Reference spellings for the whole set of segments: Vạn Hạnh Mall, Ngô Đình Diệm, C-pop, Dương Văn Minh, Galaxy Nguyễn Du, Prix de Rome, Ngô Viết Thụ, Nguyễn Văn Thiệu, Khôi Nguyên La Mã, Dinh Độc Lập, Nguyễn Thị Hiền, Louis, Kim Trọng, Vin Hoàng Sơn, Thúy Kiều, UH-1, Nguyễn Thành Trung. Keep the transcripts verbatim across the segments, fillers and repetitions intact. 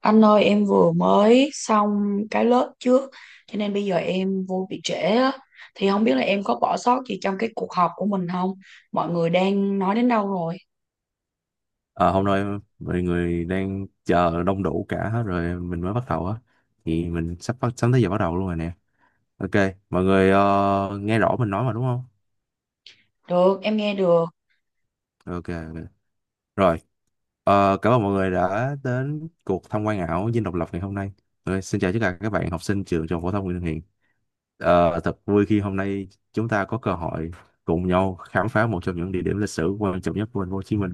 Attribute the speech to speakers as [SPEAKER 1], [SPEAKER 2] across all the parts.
[SPEAKER 1] Anh ơi em vừa mới xong cái lớp trước cho nên bây giờ em vô bị trễ á. Thì không biết là em có bỏ sót gì trong cái cuộc họp của mình không? Mọi người đang nói đến đâu rồi?
[SPEAKER 2] Ờ, Hôm nay mọi người đang chờ đông đủ cả hết rồi mình mới bắt đầu á, thì mình sắp bắt sắp tới giờ bắt đầu luôn rồi nè. Ok, mọi người ờ, nghe rõ mình nói mà đúng không?
[SPEAKER 1] Được, em nghe được.
[SPEAKER 2] Ok, ok. Rồi. Ờ, cảm ơn mọi người đã đến cuộc tham quan ảo Dinh Độc Lập ngày hôm nay. Ok, xin chào tất cả các bạn học sinh trường trung học phổ thông Nguyễn Thị Hiền. Ờ, thật vui khi hôm nay chúng ta có cơ hội cùng nhau khám phá một trong những địa điểm lịch sử quan trọng nhất của thành phố Hồ Chí Minh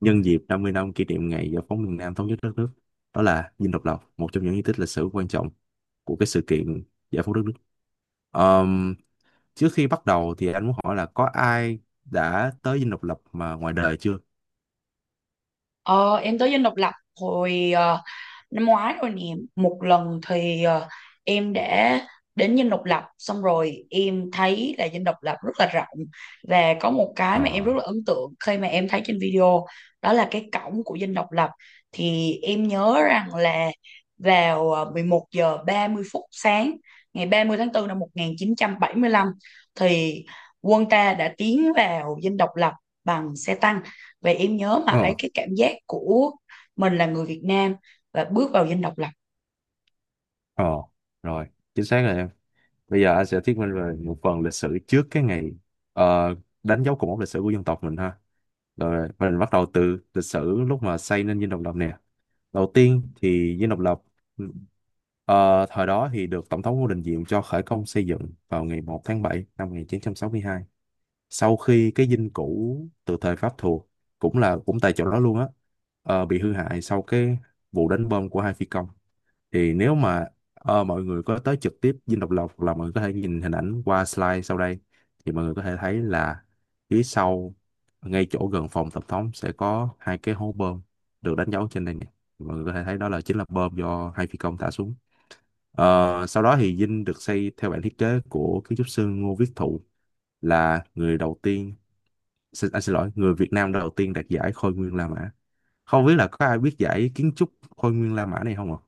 [SPEAKER 2] nhân dịp năm mươi năm kỷ niệm ngày giải phóng miền Nam thống nhất đất nước. Đó là Dinh Độc Lập, một trong những di tích lịch sử quan trọng của cái sự kiện giải phóng đất nước. Ờm, Trước khi bắt đầu thì anh muốn hỏi là có ai đã tới Dinh Độc Lập mà ngoài đời chưa?
[SPEAKER 1] Ờ, em tới Dinh Độc Lập hồi ờ, năm ngoái rồi nè, một lần thì ờ, em đã đến Dinh Độc Lập, xong rồi em thấy là Dinh Độc Lập rất là rộng và có một cái mà em rất
[SPEAKER 2] Ờ,
[SPEAKER 1] là ấn tượng khi mà em thấy trên video, đó là cái cổng của Dinh Độc Lập. Thì em nhớ rằng là vào ờ, mười một giờ ba mươi phút sáng ngày ba mươi tháng tư năm một chín bảy lăm thì quân ta đã tiến vào Dinh Độc Lập bằng xe tăng, và em nhớ mãi
[SPEAKER 2] ờ,
[SPEAKER 1] cái cảm giác của mình là người Việt Nam và bước vào Dinh Độc Lập.
[SPEAKER 2] ờ, rồi, chính xác rồi em. Bây giờ anh sẽ thuyết minh về một phần lịch sử trước cái ngày ờ, đánh dấu cột mốc lịch sử của dân tộc mình ha. Rồi, mình bắt đầu từ lịch sử lúc mà xây nên Dinh Độc Lập nè. Đầu tiên thì Dinh Độc Lập ừ, ờ, thời đó thì được Tổng thống Ngô Đình Diệm cho khởi công xây dựng vào ngày một tháng bảy năm một chín sáu hai. Sau khi cái dinh cũ từ thời Pháp thuộc cũng là cũng tại chỗ đó luôn á, ờ, bị hư hại sau cái vụ đánh bom của hai phi công, thì nếu mà ờ, mọi người có tới trực tiếp Dinh Độc Lập hoặc là mọi người có thể nhìn hình ảnh qua slide sau đây thì mọi người có thể thấy là phía sau, ngay chỗ gần phòng tổng thống sẽ có hai cái hố bơm được đánh dấu trên đây nè. Mọi người có thể thấy đó là chính là bơm do hai phi công thả xuống. Ờ, sau đó thì dinh được xây theo bản thiết kế của kiến trúc sư Ngô Viết Thụ, là người đầu tiên, xin, anh xin lỗi, người Việt Nam đầu tiên đạt giải Khôi Nguyên La Mã. Không biết là có ai biết giải kiến trúc Khôi Nguyên La Mã này không ạ?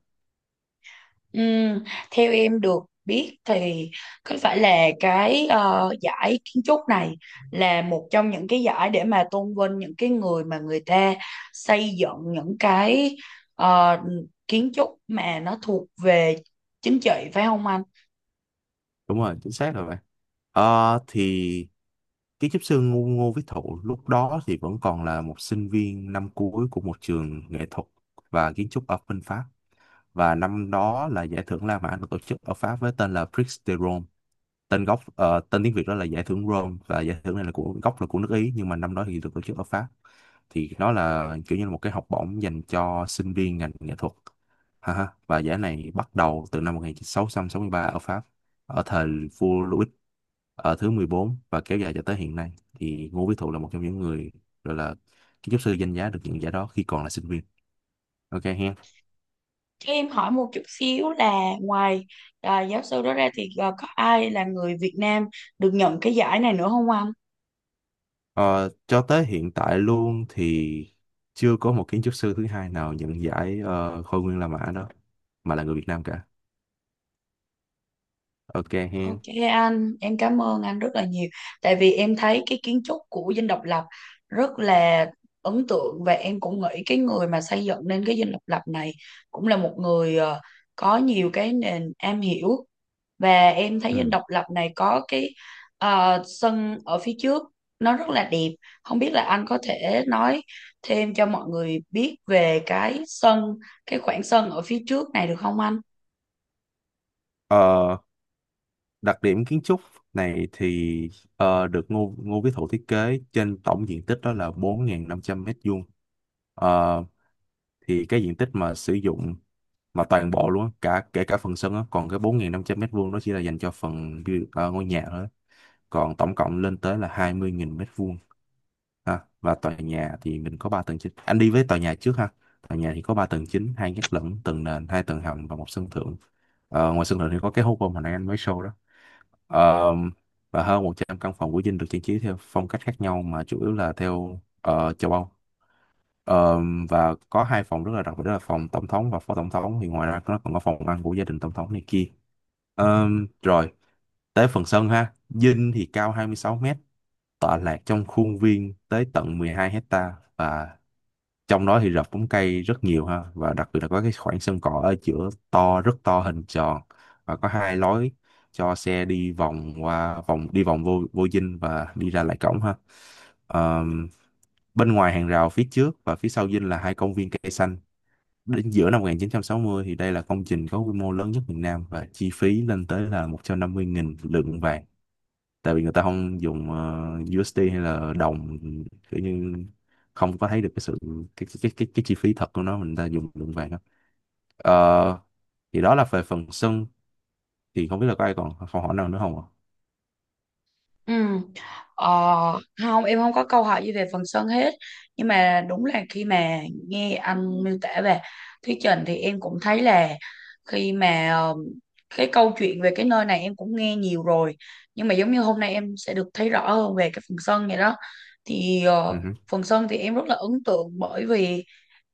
[SPEAKER 1] Ừm, Theo em được biết thì có phải là cái ờ, giải kiến trúc này là một trong những cái giải để mà tôn vinh những cái người mà người ta xây dựng những cái ờ, kiến trúc mà nó thuộc về chính trị, phải không anh?
[SPEAKER 2] Đúng rồi, chính xác rồi bạn. Ờ, thì kiến trúc sư Ngô, Ngô Viết Thụ lúc đó thì vẫn còn là một sinh viên năm cuối của một trường nghệ thuật và kiến trúc ở bên Pháp, và năm đó là giải thưởng La Mã được tổ chức ở Pháp với tên là Prix de Rome. Tên gốc, ờ, tên tiếng Việt đó là giải thưởng Rome, và giải thưởng này là của gốc là của nước Ý, nhưng mà năm đó thì được tổ chức ở Pháp. Thì nó là kiểu như là một cái học bổng dành cho sinh viên ngành nghệ thuật ha ha. Và giải này bắt đầu từ năm một sáu sáu ba ở Pháp, ở thời vua Louis ở thứ mười bốn, và kéo dài cho tới hiện nay. Thì Ngô Viết Thụ là một trong những người gọi là kiến trúc sư danh giá được nhận giải đó khi còn là sinh viên. Ok ha.
[SPEAKER 1] Cho em hỏi một chút xíu là ngoài ờ, giáo sư đó ra thì ờ, có ai là người Việt Nam được nhận cái giải này nữa không anh?
[SPEAKER 2] Ờ, cho tới hiện tại luôn thì chưa có một kiến trúc sư thứ hai nào nhận giải ờ, Khôi Nguyên La Mã đó mà là người Việt Nam cả. Ok
[SPEAKER 1] Ok
[SPEAKER 2] hen.
[SPEAKER 1] anh, em cảm ơn anh rất là nhiều. Tại vì em thấy cái kiến trúc của Dinh Độc Lập rất là ấn tượng, và em cũng nghĩ cái người mà xây dựng nên cái Dinh Độc Lập này cũng là một người ờ, có nhiều cái nền am hiểu, và em thấy Dinh
[SPEAKER 2] Ừ.
[SPEAKER 1] Độc Lập này có cái ờ, sân ở phía trước nó rất là đẹp. Không biết là anh có thể nói thêm cho mọi người biết về cái sân, cái khoảng sân ở phía trước này được không anh?
[SPEAKER 2] Ờ, Đặc điểm kiến trúc này thì ờ, được Ngô Ngô Quý Thụ thiết kế trên tổng diện tích đó là bốn ngàn năm trăm mét vuông. Ờ, thì cái diện tích mà sử dụng mà toàn bộ luôn á, cả kể cả phần sân á, còn cái bốn nghìn năm trăm mét vuông đó chỉ là dành cho phần build- ờ, ngôi nhà thôi á. Còn tổng cộng lên tới là hai mươi nghìn mét vuông ha. Và tòa nhà thì mình có ba tầng chính, anh đi với tòa nhà trước ha. Tòa nhà thì có ba tầng chính, hai gác lửng, tầng nền, hai tầng hầm và một sân thượng. Ờ, ngoài sân thượng thì có cái hố bom hồi nãy anh mới show đó. Ờ, và hơn một trăm căn phòng của Dinh được trang trí theo phong cách khác nhau mà chủ yếu là theo ờ, châu Âu. Ờ, và có hai phòng rất là đặc biệt, đó là phòng tổng thống và phó tổng thống. Thì ngoài ra nó còn có phòng ăn của gia đình tổng thống này kia. Ờ, Rồi tới phần sân ha. Dinh thì cao hai mươi sáu mét, tọa lạc trong khuôn viên tới tận mười hai hecta, và trong đó thì rập bóng cây rất nhiều ha. Và đặc biệt là có cái khoảng sân cỏ ở giữa to, rất to, hình tròn, và có hai lối cho xe đi vòng qua, vòng đi vòng vô vô dinh và đi ra lại cổng ha. Ờm, Bên ngoài hàng rào phía trước và phía sau dinh là hai công viên cây xanh. Đến giữa năm một chín sáu không thì đây là công trình có quy mô lớn nhất miền Nam, và chi phí lên tới là một trăm năm mươi nghìn lượng vàng, tại vì người ta không dùng ờ, đô hay là đồng, kiểu như không có thấy được cái sự cái cái cái cái, chi phí thật của nó, mình ta dùng lượng vàng đó. Ờ, thì đó là về phần sân, thì không biết là có ai còn câu hỏi nào nữa không ạ?
[SPEAKER 1] Ừ. Ờ, Không, em không có câu hỏi gì về phần sân hết, nhưng mà đúng là khi mà nghe anh miêu tả về thuyết trình thì em cũng thấy là khi mà ờ, cái câu chuyện về cái nơi này em cũng nghe nhiều rồi, nhưng mà giống như hôm nay em sẽ được thấy rõ hơn về cái phần sân vậy đó. Thì ờ,
[SPEAKER 2] Ừ hử.
[SPEAKER 1] phần sân thì em rất là ấn tượng, bởi vì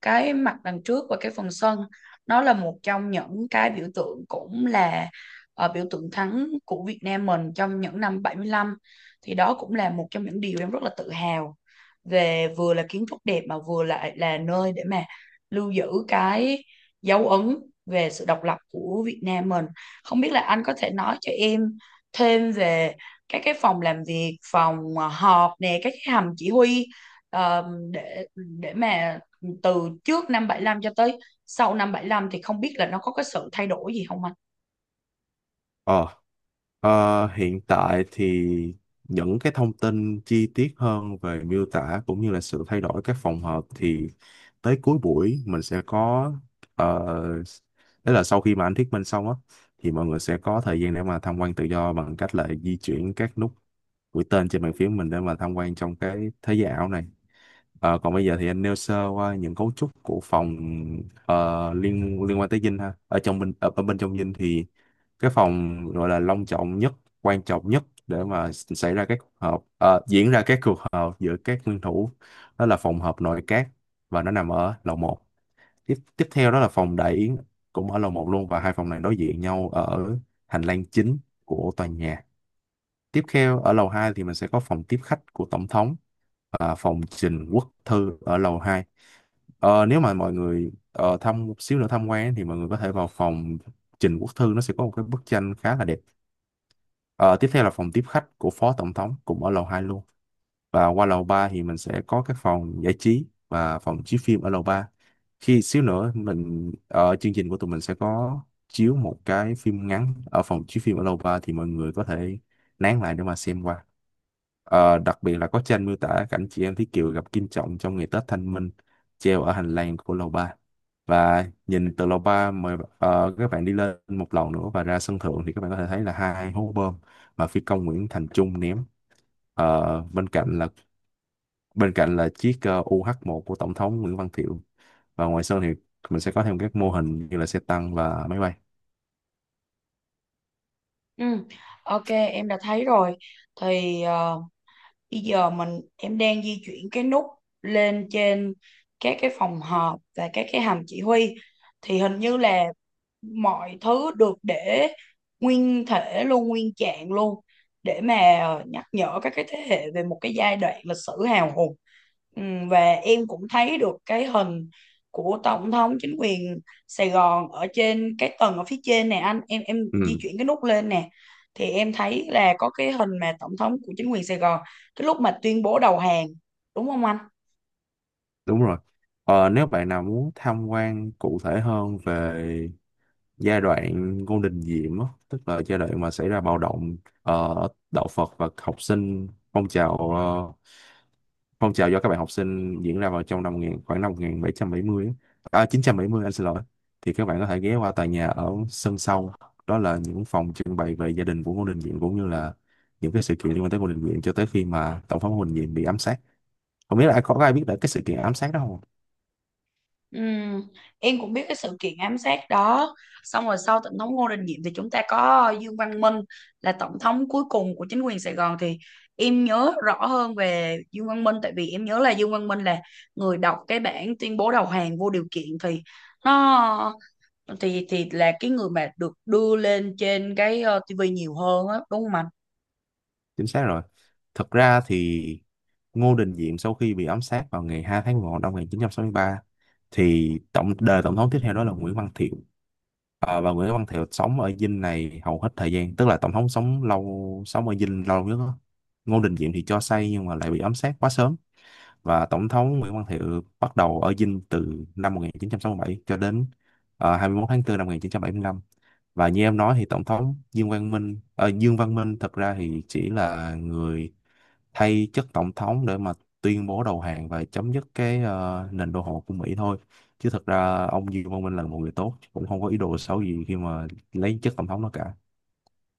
[SPEAKER 1] cái mặt đằng trước và cái phần sân nó là một trong những cái biểu tượng, cũng là ờ, biểu tượng thắng của Việt Nam mình trong những năm bảy mươi lăm, thì đó cũng là một trong những điều em rất là tự hào, về vừa là kiến trúc đẹp mà vừa lại là là nơi để mà lưu giữ cái dấu ấn về sự độc lập của Việt Nam mình. Không biết là anh có thể nói cho em thêm về các cái phòng làm việc, phòng à, họp nè, các cái hầm chỉ huy ờ, để để mà từ trước năm bảy lăm cho tới sau năm bảy mươi lăm thì không biết là nó có cái sự thay đổi gì không anh?
[SPEAKER 2] Ờ, ờ, Hiện tại thì những cái thông tin chi tiết hơn về miêu tả cũng như là sự thay đổi các phòng hợp thì tới cuối buổi mình sẽ có, uh, đấy là sau khi mà anh thuyết minh xong á, thì mọi người sẽ có thời gian để mà tham quan tự do bằng cách là di chuyển các nút mũi tên trên bàn phím mình để mà tham quan trong cái thế giới ảo này. Ờ, còn bây giờ thì anh nêu sơ qua những cấu trúc của phòng ờ, liên liên quan tới dinh ha, ở trong bên ở, ở bên trong dinh thì cái phòng gọi là long trọng nhất, quan trọng nhất để mà xảy ra các cuộc họp, ờ, diễn ra các cuộc họp giữa các nguyên thủ, đó là phòng họp nội các, và nó nằm ở lầu một. Tiếp tiếp theo đó là phòng đại yến, cũng ở lầu một luôn, và hai phòng này đối diện nhau ở hành lang chính của tòa nhà. Tiếp theo, ở lầu hai thì mình sẽ có phòng tiếp khách của tổng thống và phòng trình quốc thư ở lầu hai. Ờ, nếu mà mọi người ờ, thăm một xíu nữa tham quan thì mọi người có thể vào phòng Trình Quốc Thư, nó sẽ có một cái bức tranh khá là đẹp. Ờ, Tiếp theo là phòng tiếp khách của Phó Tổng thống, cũng ở lầu hai luôn. Và qua lầu ba thì mình sẽ có các phòng giải trí và phòng chiếu phim ở lầu ba. Khi xíu nữa mình ở chương trình của tụi mình sẽ có chiếu một cái phim ngắn ở phòng chiếu phim ở lầu ba, thì mọi người có thể nán lại để mà xem qua. Ờ, đặc biệt là có tranh miêu tả cảnh chị em Thúy Kiều gặp Kim Trọng trong ngày Tết Thanh Minh, treo ở hành lang của lầu ba. Và nhìn từ lầu ba, mời ờ, các bạn đi lên một lầu nữa và ra sân thượng, thì các bạn có thể thấy là hai hố bom mà phi công Nguyễn Thành Trung ném. Ờ, bên cạnh là bên cạnh là chiếc ờ, u hát một của Tổng thống Nguyễn Văn Thiệu, và ngoài Sơn thì mình sẽ có thêm các mô hình như là xe tăng và máy bay.
[SPEAKER 1] Ừ. Ok, em đã thấy rồi. Thì ờ, bây giờ mình em đang di chuyển cái nút lên trên các cái phòng họp và các cái hầm chỉ huy thì hình như là mọi thứ được để nguyên thể luôn, nguyên trạng luôn, để mà nhắc nhở các cái thế hệ về một cái giai đoạn lịch sử hào hùng. Ừm, và em cũng thấy được cái hình của tổng thống chính quyền Sài Gòn ở trên cái tầng ở phía trên nè anh, em em di
[SPEAKER 2] Ừ,
[SPEAKER 1] chuyển cái nút lên nè, thì em thấy là có cái hình mà tổng thống của chính quyền Sài Gòn cái lúc mà tuyên bố đầu hàng, đúng không anh?
[SPEAKER 2] đúng rồi. Ờ, nếu bạn nào muốn tham quan cụ thể hơn về giai đoạn Ngô Đình Diệm á, tức là giai đoạn mà xảy ra bạo động ờ, đạo Phật và học sinh, phong trào ờ, Phong trào do các bạn học sinh diễn ra vào trong năm một nghìn, khoảng năm một bảy bảy không á. À, chín bảy không, anh xin lỗi. Thì các bạn có thể ghé qua tòa nhà ở sân sau. Đó là những phòng trưng bày về gia đình của Ngô Đình Diệm cũng như là những cái sự kiện liên quan tới Ngô Đình Diệm cho tới khi mà tổng thống Ngô Đình Diệm bị ám sát. Không biết là ai có ai biết được cái sự kiện ám sát đó không?
[SPEAKER 1] Ừm, em cũng biết cái sự kiện ám sát đó. Xong rồi sau tổng thống Ngô Đình Diệm thì chúng ta có Dương Văn Minh là tổng thống cuối cùng của chính quyền Sài Gòn, thì em nhớ rõ hơn về Dương Văn Minh, tại vì em nhớ là Dương Văn Minh là người đọc cái bản tuyên bố đầu hàng vô điều kiện, thì nó thì thì là cái người mà được đưa lên trên cái uh, tê vê nhiều hơn á, đúng không anh?
[SPEAKER 2] Chính xác rồi. Thực ra thì Ngô Đình Diệm sau khi bị ám sát vào ngày hai tháng một năm một chín sáu ba thì tổng đời tổng thống tiếp theo đó là Nguyễn Văn Thiệu. Ờ, và Nguyễn Văn Thiệu sống ở Dinh này hầu hết thời gian, tức là tổng thống sống lâu sống ở Dinh lâu nhất đó. Ngô Đình Diệm thì cho xây nhưng mà lại bị ám sát quá sớm, và tổng thống Nguyễn Văn Thiệu bắt đầu ở Dinh từ năm một chín sáu bảy cho đến uh, hai mươi mốt tháng bốn năm một chín bảy lăm. Và như em nói thì tổng thống Dương Văn Minh ờ, Dương Văn Minh thật ra thì chỉ là người thay chức tổng thống để mà tuyên bố đầu hàng và chấm dứt cái ờ, nền đô hộ của Mỹ thôi, chứ thật ra ông Dương Văn Minh là một người tốt, cũng không có ý đồ xấu gì khi mà lấy chức tổng thống đó cả.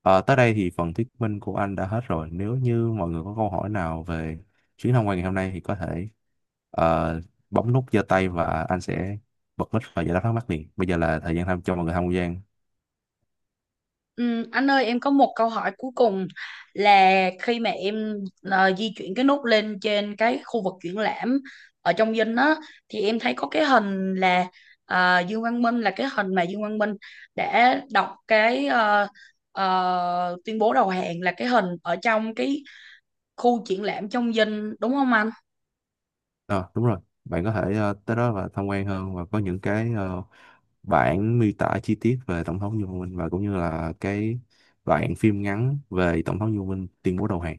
[SPEAKER 2] Ờ, tới đây thì phần thuyết minh của anh đã hết rồi. Nếu như mọi người có câu hỏi nào về chuyến tham quan ngày hôm nay thì có thể ờ, bấm nút giơ tay, và anh sẽ bật mic và giải đáp thắc mắc liền. Bây giờ là thời gian tham cho mọi người tham quan.
[SPEAKER 1] Ừm, anh ơi em có một câu hỏi cuối cùng là khi mà em ờ, di chuyển cái nút lên trên cái khu vực triển lãm ở trong dinh á, thì em thấy có cái hình là ờ, Dương Văn Minh, là cái hình mà Dương Văn Minh đã đọc cái ờ, ờ, tuyên bố đầu hàng, là cái hình ở trong cái khu triển lãm trong dinh, đúng không anh?
[SPEAKER 2] Ờ, đúng rồi. Bạn có thể ờ, tới đó và tham quan hơn, và có những cái ờ, bản miêu tả chi tiết về Tổng thống Du Minh, và cũng như là cái đoạn phim ngắn về Tổng thống Du Minh tuyên bố đầu hàng.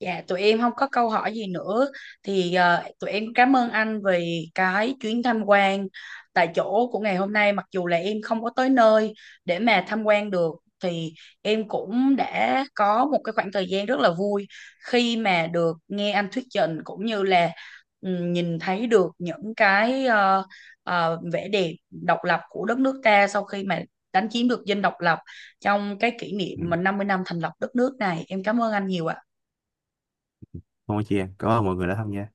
[SPEAKER 1] Dạ, tụi em không có câu hỏi gì nữa, thì ờ, tụi em cảm ơn anh vì cái chuyến tham quan tại chỗ của ngày hôm nay. Mặc dù là em không có tới nơi để mà tham quan được, thì em cũng đã có một cái khoảng thời gian rất là vui khi mà được nghe anh thuyết trình, cũng như là ừ, nhìn thấy được những cái ờ, ờ, vẻ đẹp độc lập của đất nước ta sau khi mà đánh chiếm được Dinh Độc Lập, trong cái kỷ niệm
[SPEAKER 2] Ừ.
[SPEAKER 1] mà năm mươi năm thành lập đất nước này. Em cảm ơn anh nhiều ạ.
[SPEAKER 2] Không có chi em. Cảm ơn mọi người đã tham gia.